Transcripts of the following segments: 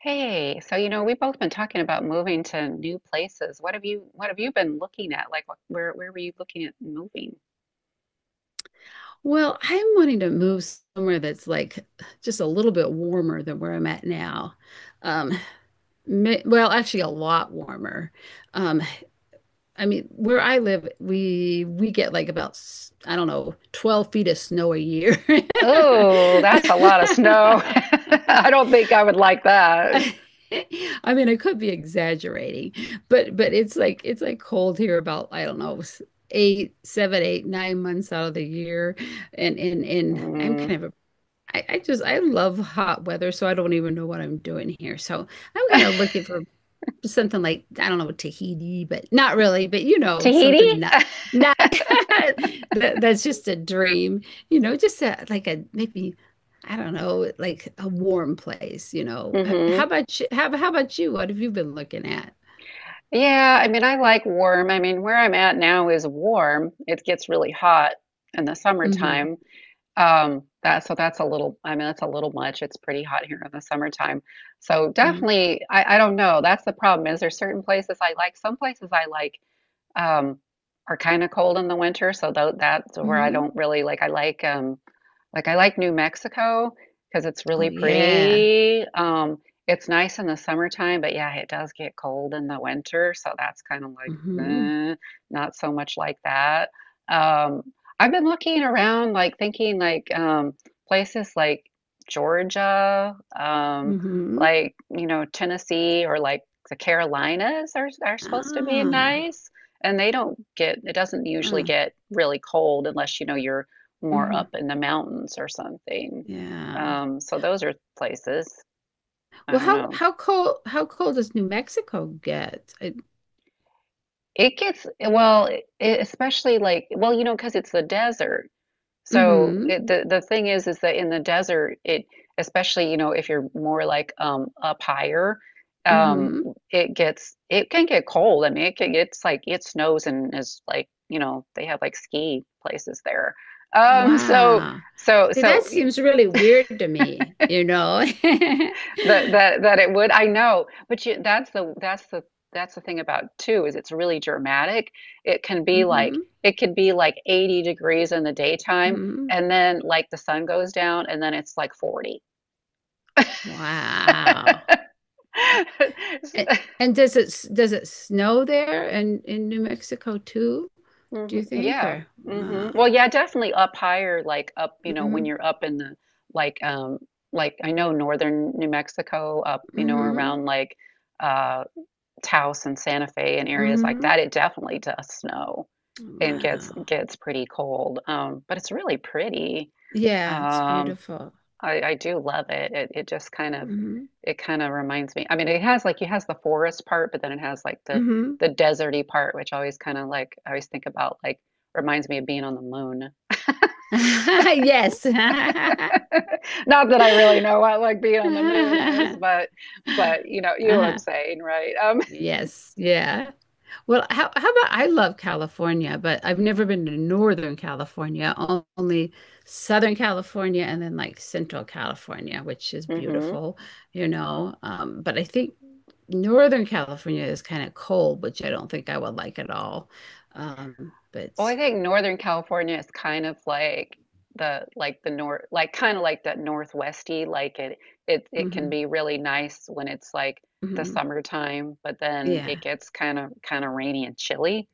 Hey, we've both been talking about moving to new places. What have you been looking at? Like what, where were you looking at moving? Well, I'm wanting to move somewhere that's like just a little bit warmer than where I'm at now. Um, well, actually, a lot warmer. Um, I mean, where I live, we get like I don't know, 12 feet of snow a year. Oh, that's a lot of snow. I don't think I would like that. I mean, I could be exaggerating, but it's like cold here about I don't know, eight, seven, eight, 9 months out of the year and I'm Mm. kind of a I just I love hot weather, so I don't even know what I'm doing here. So I'm kind of looking for something like I don't know Tahiti, but not really, but you know Tahiti? something not not that's just a dream, you know, just a, like a maybe I don't know like a warm place, you know. How hmm about you? How about you? What have you been looking at? Yeah, I mean, I like warm. I mean, where I'm at now is warm. It gets really hot in the Mm-hmm. summertime. That so that's a little, I mean, that's a little much. It's pretty hot here in the summertime. So Mm-hmm. definitely, I don't know. That's the problem is there's certain places I like. Some places I like um, are kind of cold in the winter, so that's where I Hmm. don't really like. I like I like New Mexico because it's Oh really yeah. pretty. It's nice in the summertime, but yeah, it does get cold in the winter, so that's kind of like Mm-hmm. eh, not so much like that. Um, I've been looking around, like thinking like places like Georgia, Mm-hmm. like you know Tennessee or like the Carolinas are supposed to be Ah. nice, and they don't get it doesn't usually Uh, get really cold unless you know you're more mm-hmm. up in the mountains or something. Yeah. So those are places. I Well, don't know. How cold does New Mexico get? It gets well, it, especially like well, you know, because it's the desert. So Mm-hmm. it, the thing is that in the desert, it especially you know if you're more like up higher, um, Mm-hmm. it gets it can get cold. I mean, it can, it's like it snows and is like you know they have like ski places there. So Wow. so See, that so seems really weird to me, you know. that it would. I know, but you, that's the thing about too is it's really dramatic. It can be like Mm-hmm. it could be like 80 degrees in the daytime Mm-hmm. and then like the sun goes down and then it's like 40. Wow. And, and does it snow there in New Mexico too, do you think? Yeah. Or wow. Well, yeah, definitely up higher like up, you know, when Mm-hmm. you're up in the like um like I know northern New Mexico up, you know, Mm-hmm. around like uh Taos and Santa Fe and areas like Mm-hmm. that, it definitely does snow. And gets Wow. gets pretty cold. But it's really pretty. Yeah, it's Um, beautiful. I do love it. It just kind of Mm-hmm. it kind of reminds me. I mean, it has like it has the forest part, but then it has like the Mm-hmm. the deserty part, which always kind of like I always think about like reminds me of being on the moon. Yes. Not that I really know what like being on the moon is, Uh-huh. But you know what I'm Uh-huh. saying, right? Yes, yeah. Well, how about I love California, but I've never been to Northern California, only Southern California and then like Central California, which is Um, beautiful, you know. But I think Northern California is kind of cold, which I don't think I would like at all. Well, I But think Northern California is kind of like the north like kind of like that northwesty like it can Mhm, be really nice when it's like the mhm. summertime, but then Yeah, it gets kind of rainy and chilly,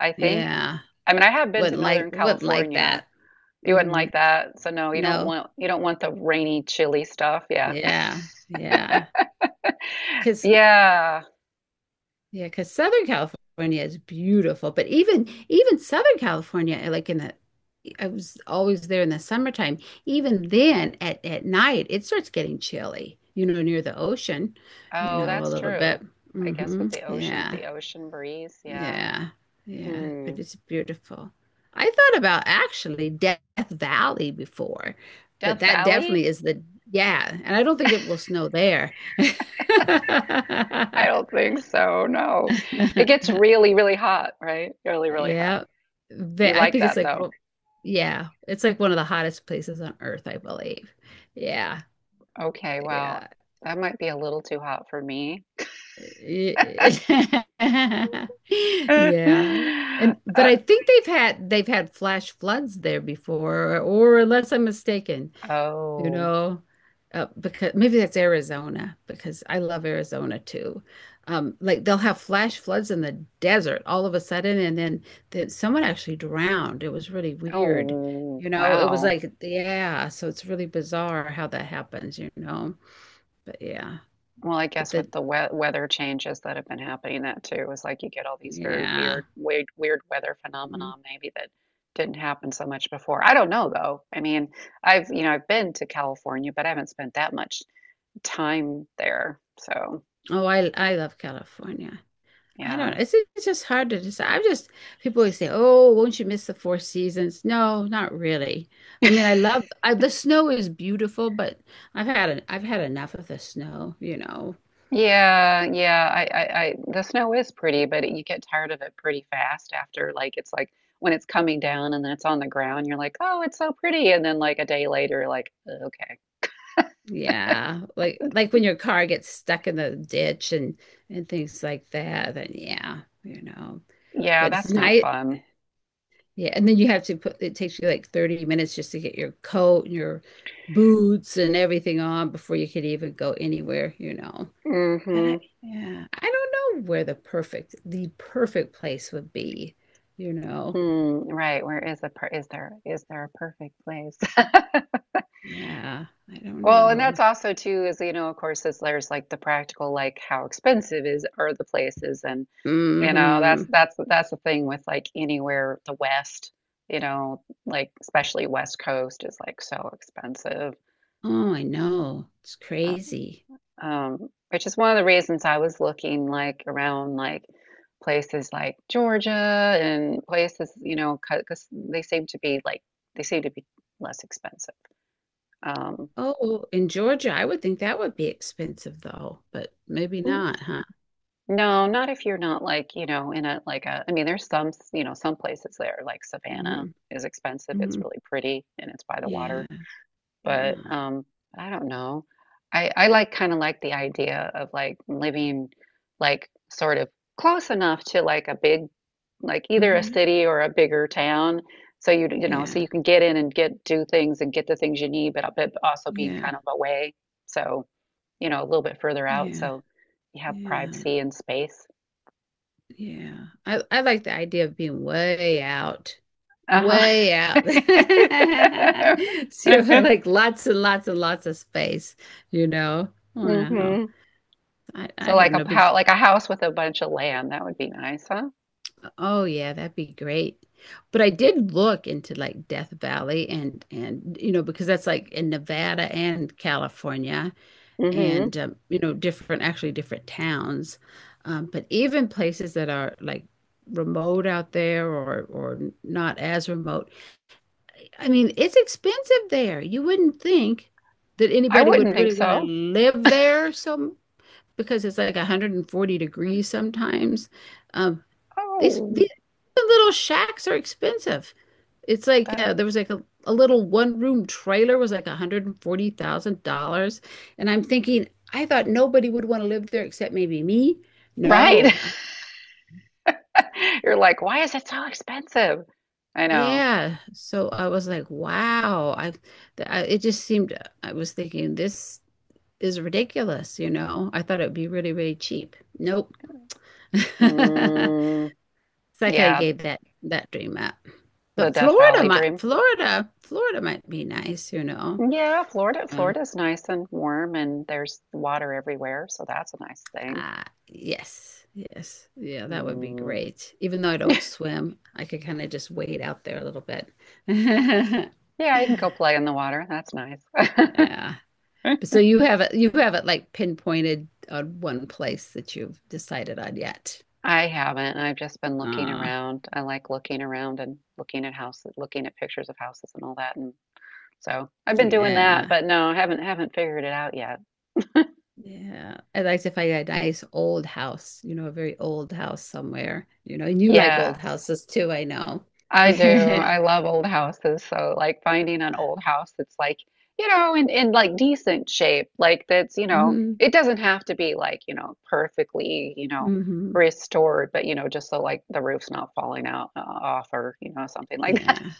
I think. yeah. I mean, I have been to Northern Wouldn't like California. that. You wouldn't Hmm. like that. So no, you don't No. want you don't want the rainy, chilly stuff. Yeah. Yeah, yeah. Because Yeah. yeah, because Southern California is beautiful, but even Southern California, eh, like in the, I was always there in the summertime. Even then, at night, it starts getting chilly, you know, near the ocean, you Oh, know, a that's little bit. true. I guess with Hmm. Yeah, the ocean breeze. Yeah. yeah, yeah. Hmm. But it's beautiful. I thought about actually Death Valley before, but Death that Valley? definitely is the yeah, and I don't think it will snow there. I don't think so. No. It gets really, really hot, right? Really, really hot. Yeah. You I like think it's that like though. well, yeah, it's like one of the hottest places on earth, I believe. Yeah, Okay, wow. yeah. That might be a little too hot for me. Yeah. And but Uh, I think they've had flash floods there before, or unless I'm mistaken. You oh. know, because maybe that's Arizona because I love Arizona too. Like they'll have flash floods in the desert all of a sudden, and then someone actually drowned. It was really weird, Oh, you know. It was wow. like, yeah, so it's really bizarre how that happens, you know. But yeah, Well, I but guess the with the we weather changes that have been happening, that too is like you get all these very yeah. weird, weird, weird weather Mm. phenomena maybe that didn't happen so much before. I don't know though. I mean, I've been to California, but I haven't spent that much time there. So. Oh, I love California. I don't know. Yeah. It's just hard to decide. I'm just, people always say, "Oh, won't you miss the four seasons?" No, not really. I mean, the snow is beautiful, but I've had enough of the snow, you know. Yeah, yeah. The snow is pretty, but it, you get tired of it pretty fast after. Like, it's like when it's coming down and then it's on the ground, you're like, oh, it's so pretty. And then, like, a day later, you're like, okay. Yeah, like when your car gets stuck in the ditch and things like that. Then yeah, you know. Yeah, But it's that's not nice. fun. Yeah, and then you have to put it takes you like 30 minutes just to get your coat and your boots and everything on before you can even go anywhere, you know. But I, hmm yeah, I don't know where the perfect place would be, you know. Hmm. Right. Where is the per is there a perfect place? Yeah, I don't Well, and know. that's also too is you know of course is there's like the practical like how expensive is are the places and. You know, that's Hmm. that's that's the thing with like anywhere the West, you know, like especially West Coast is like so expensive. Oh, I know. It's Um, crazy. Which is one of the reasons I was looking like around like places like Georgia and places, you know, because they seem to be like they seem to be less expensive. Um, Oh, in Georgia, I would think that would be expensive though, but maybe not, huh? no, not if you're not like, you know, in a like a, I mean, there's some, you know, some places there like Savannah Hmm. is expensive. It's Hmm. really pretty and it's by the Yeah. water. But Oh, I don't know. I like kind of like the idea of like living like sort of close enough to like a big like either a hmm. city or a bigger town so you know so Yeah. you can get in and get do things and get the things you need but also being Yeah. kind of away so you know a little bit further out Yeah. so you have Yeah. privacy and space. Yeah. I like the idea of being way out, Uh-huh. way out. So like lots and lots and lots of space, you know? Wow. hmm I, So I like don't a know, but how like a house with a bunch of land that would be nice, huh? oh yeah, that'd be great. But I did look into like Death Valley and you know, because that's like in Nevada and California. hmm And you know different actually different towns but even places that are like remote out there or not as remote. I mean it's expensive there. You wouldn't think that I anybody wouldn't would think really want to so. live there, so because it's like 140 degrees sometimes. um, these Oh, these little shacks are expensive. It's like that there was like a little one room trailer was like $140,000. And I'm thinking, I thought nobody would want to live there except maybe me. right. No. You're like, why is it so expensive? I know. Yeah. So I was like, wow. I it just seemed I was thinking this is ridiculous, you know. I thought it would be really, really cheap. Nope. Mm, So I kind of yeah, gave that dream up. the But Death Valley dream. Florida might be nice, you know. Yeah, Florida, Yeah. Florida's nice and warm and there's water everywhere, so that's a nice thing. Ah, yes, yes. Yeah, that would be Mm, great. Even though I don't swim, I could kind of just wade out there a little bit. yeah, you can go play in the water. That's nice. Yeah. But so you have it like pinpointed on one place that you've decided on yet. I haven't. I've just been looking Uh, around. I like looking around and looking at houses, looking at pictures of houses and all that. And. So I've been doing that, yeah. but no, I haven't figured it out yet. Yeah. I'd like to find a nice old house, you know, a very old house somewhere, you know, and you like old Yes, houses too, I know. I do. Hmm. I love old houses. So like finding an old house that's like, you know, in like decent shape, like that's, you know, it doesn't have to be like, you know, perfectly, you know, Hmm. restored, but you know, just so like the roof's not falling out off or, you know, something like Yeah.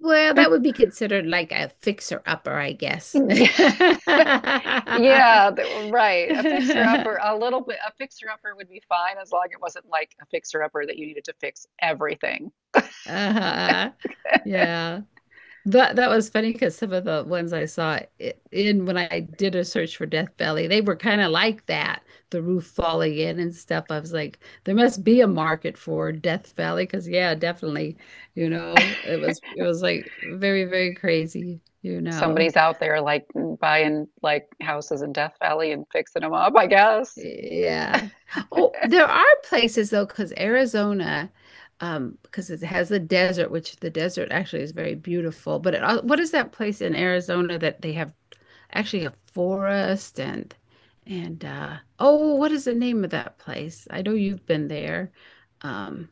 Well, that. that would be considered like a fixer-upper, I guess. Yeah, right. A fixer upper, a little bit, a fixer upper would be fine as long as it wasn't like a fixer upper that you needed to fix everything. Uh-huh. Yeah. That that was funny because some of the ones I saw I- in when I did a search for Death Valley, they were kind of like that, the roof falling in and stuff. I was like, there must be a market for Death Valley because yeah, definitely, you know, it was like very, very crazy, you know. Somebody's out there like buying like houses in Death Valley and fixing them up, I guess. Yeah. Oh, there are places though, because Arizona, because it has the desert, which the desert actually is very beautiful. But what is that place in Arizona that they have actually a forest and oh, what is the name of that place? I know you've been there. Um,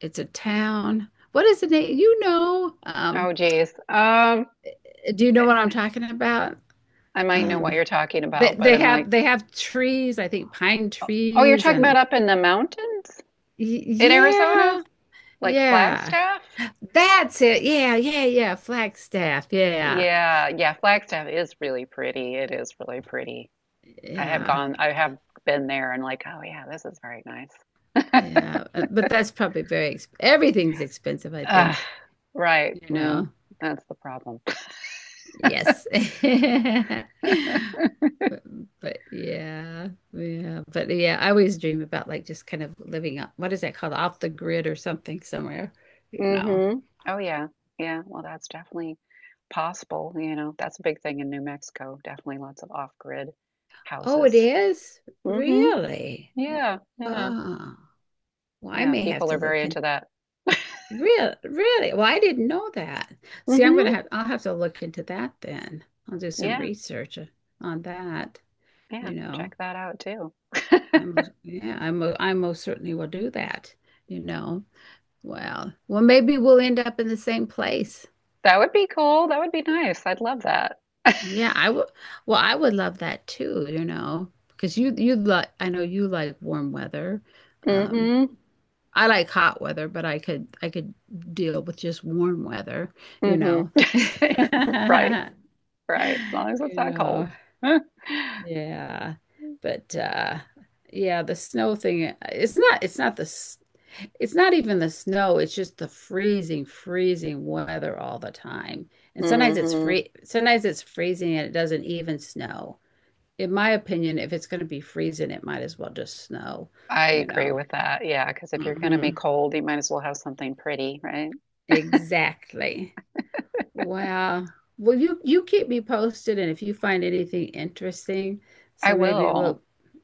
it's a town. What is the name? You know, Oh geez. Do you know what I'm talking about? I might know what Um, you're talking they about, but they I'm have like, trees, I think pine oh, oh, you're trees talking about and up in the mountains in yeah, Arizona? Like yeah. Flagstaff? That's it. Yeah, yeah, yeah. Flagstaff. Yeah, Yeah, yeah, Flagstaff is really pretty. It is really pretty. Yeah, I have been there and like, oh yeah, this is very nice. yeah. But that's probably very exp everything's expensive, I Ah, think. right. You Well, know. that's the problem. Yes. But, but yeah, yeah. But yeah, I always dream about like just kind of living up. What is that called? Off the grid or something somewhere. You know. Mhm. Oh, yeah. Yeah. Well, that's definitely possible. You know, that's a big thing in New Mexico. Definitely lots of off-grid Oh, it houses. is? Mhm. Really? Wow. Yeah. Yeah. Well, I Yeah. may have People are to very look in. into that. Really, really? Well, I didn't know that. See, Mhm. I'll have to look into that then. I'll do some Yeah. research on that, Yeah. you know. Check that out too. I'm yeah, I'm I most certainly will do that, you know. Well, well maybe we'll end up in the same place. That would be cool. That would be nice. I'd love that. Yeah, I would well, I would love that too, you know, because you like I know you like warm weather. Um, Mhm. I like hot weather, but I could deal with just warm weather, you mm know. Mhm. Right. Right. As long as it's You not cold. know, mm yeah. But yeah, the snow thing, it's not it's not even the snow, it's just the freezing, freezing weather all the time. And Mhm. Sometimes it's freezing and it doesn't even snow. In my opinion, if it's going to be freezing, it might as well just snow, I you agree know. with that. Yeah, because if you're going to Hmm. be cold, you might as well have something pretty, right? Exactly. Wow. Well, you keep me posted, and if you find anything interesting, I so maybe will. we'll,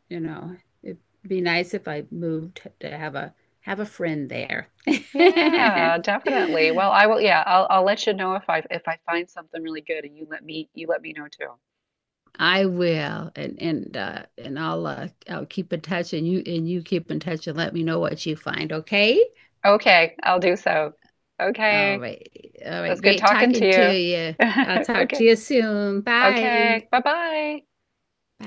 you know, it'd be nice if I moved to have a friend there. Yeah, definitely. Well, I will. Yeah, I'll let you know if I find something really good, and you let me know too. I will, and I'll keep in touch, and you keep in touch, and let me know what you find. Okay. Okay, I'll do so. Okay, All it right. All right. was good Great talking to talking to you. you. I'll talk to Okay, you soon. Bye. okay, bye bye. Bye.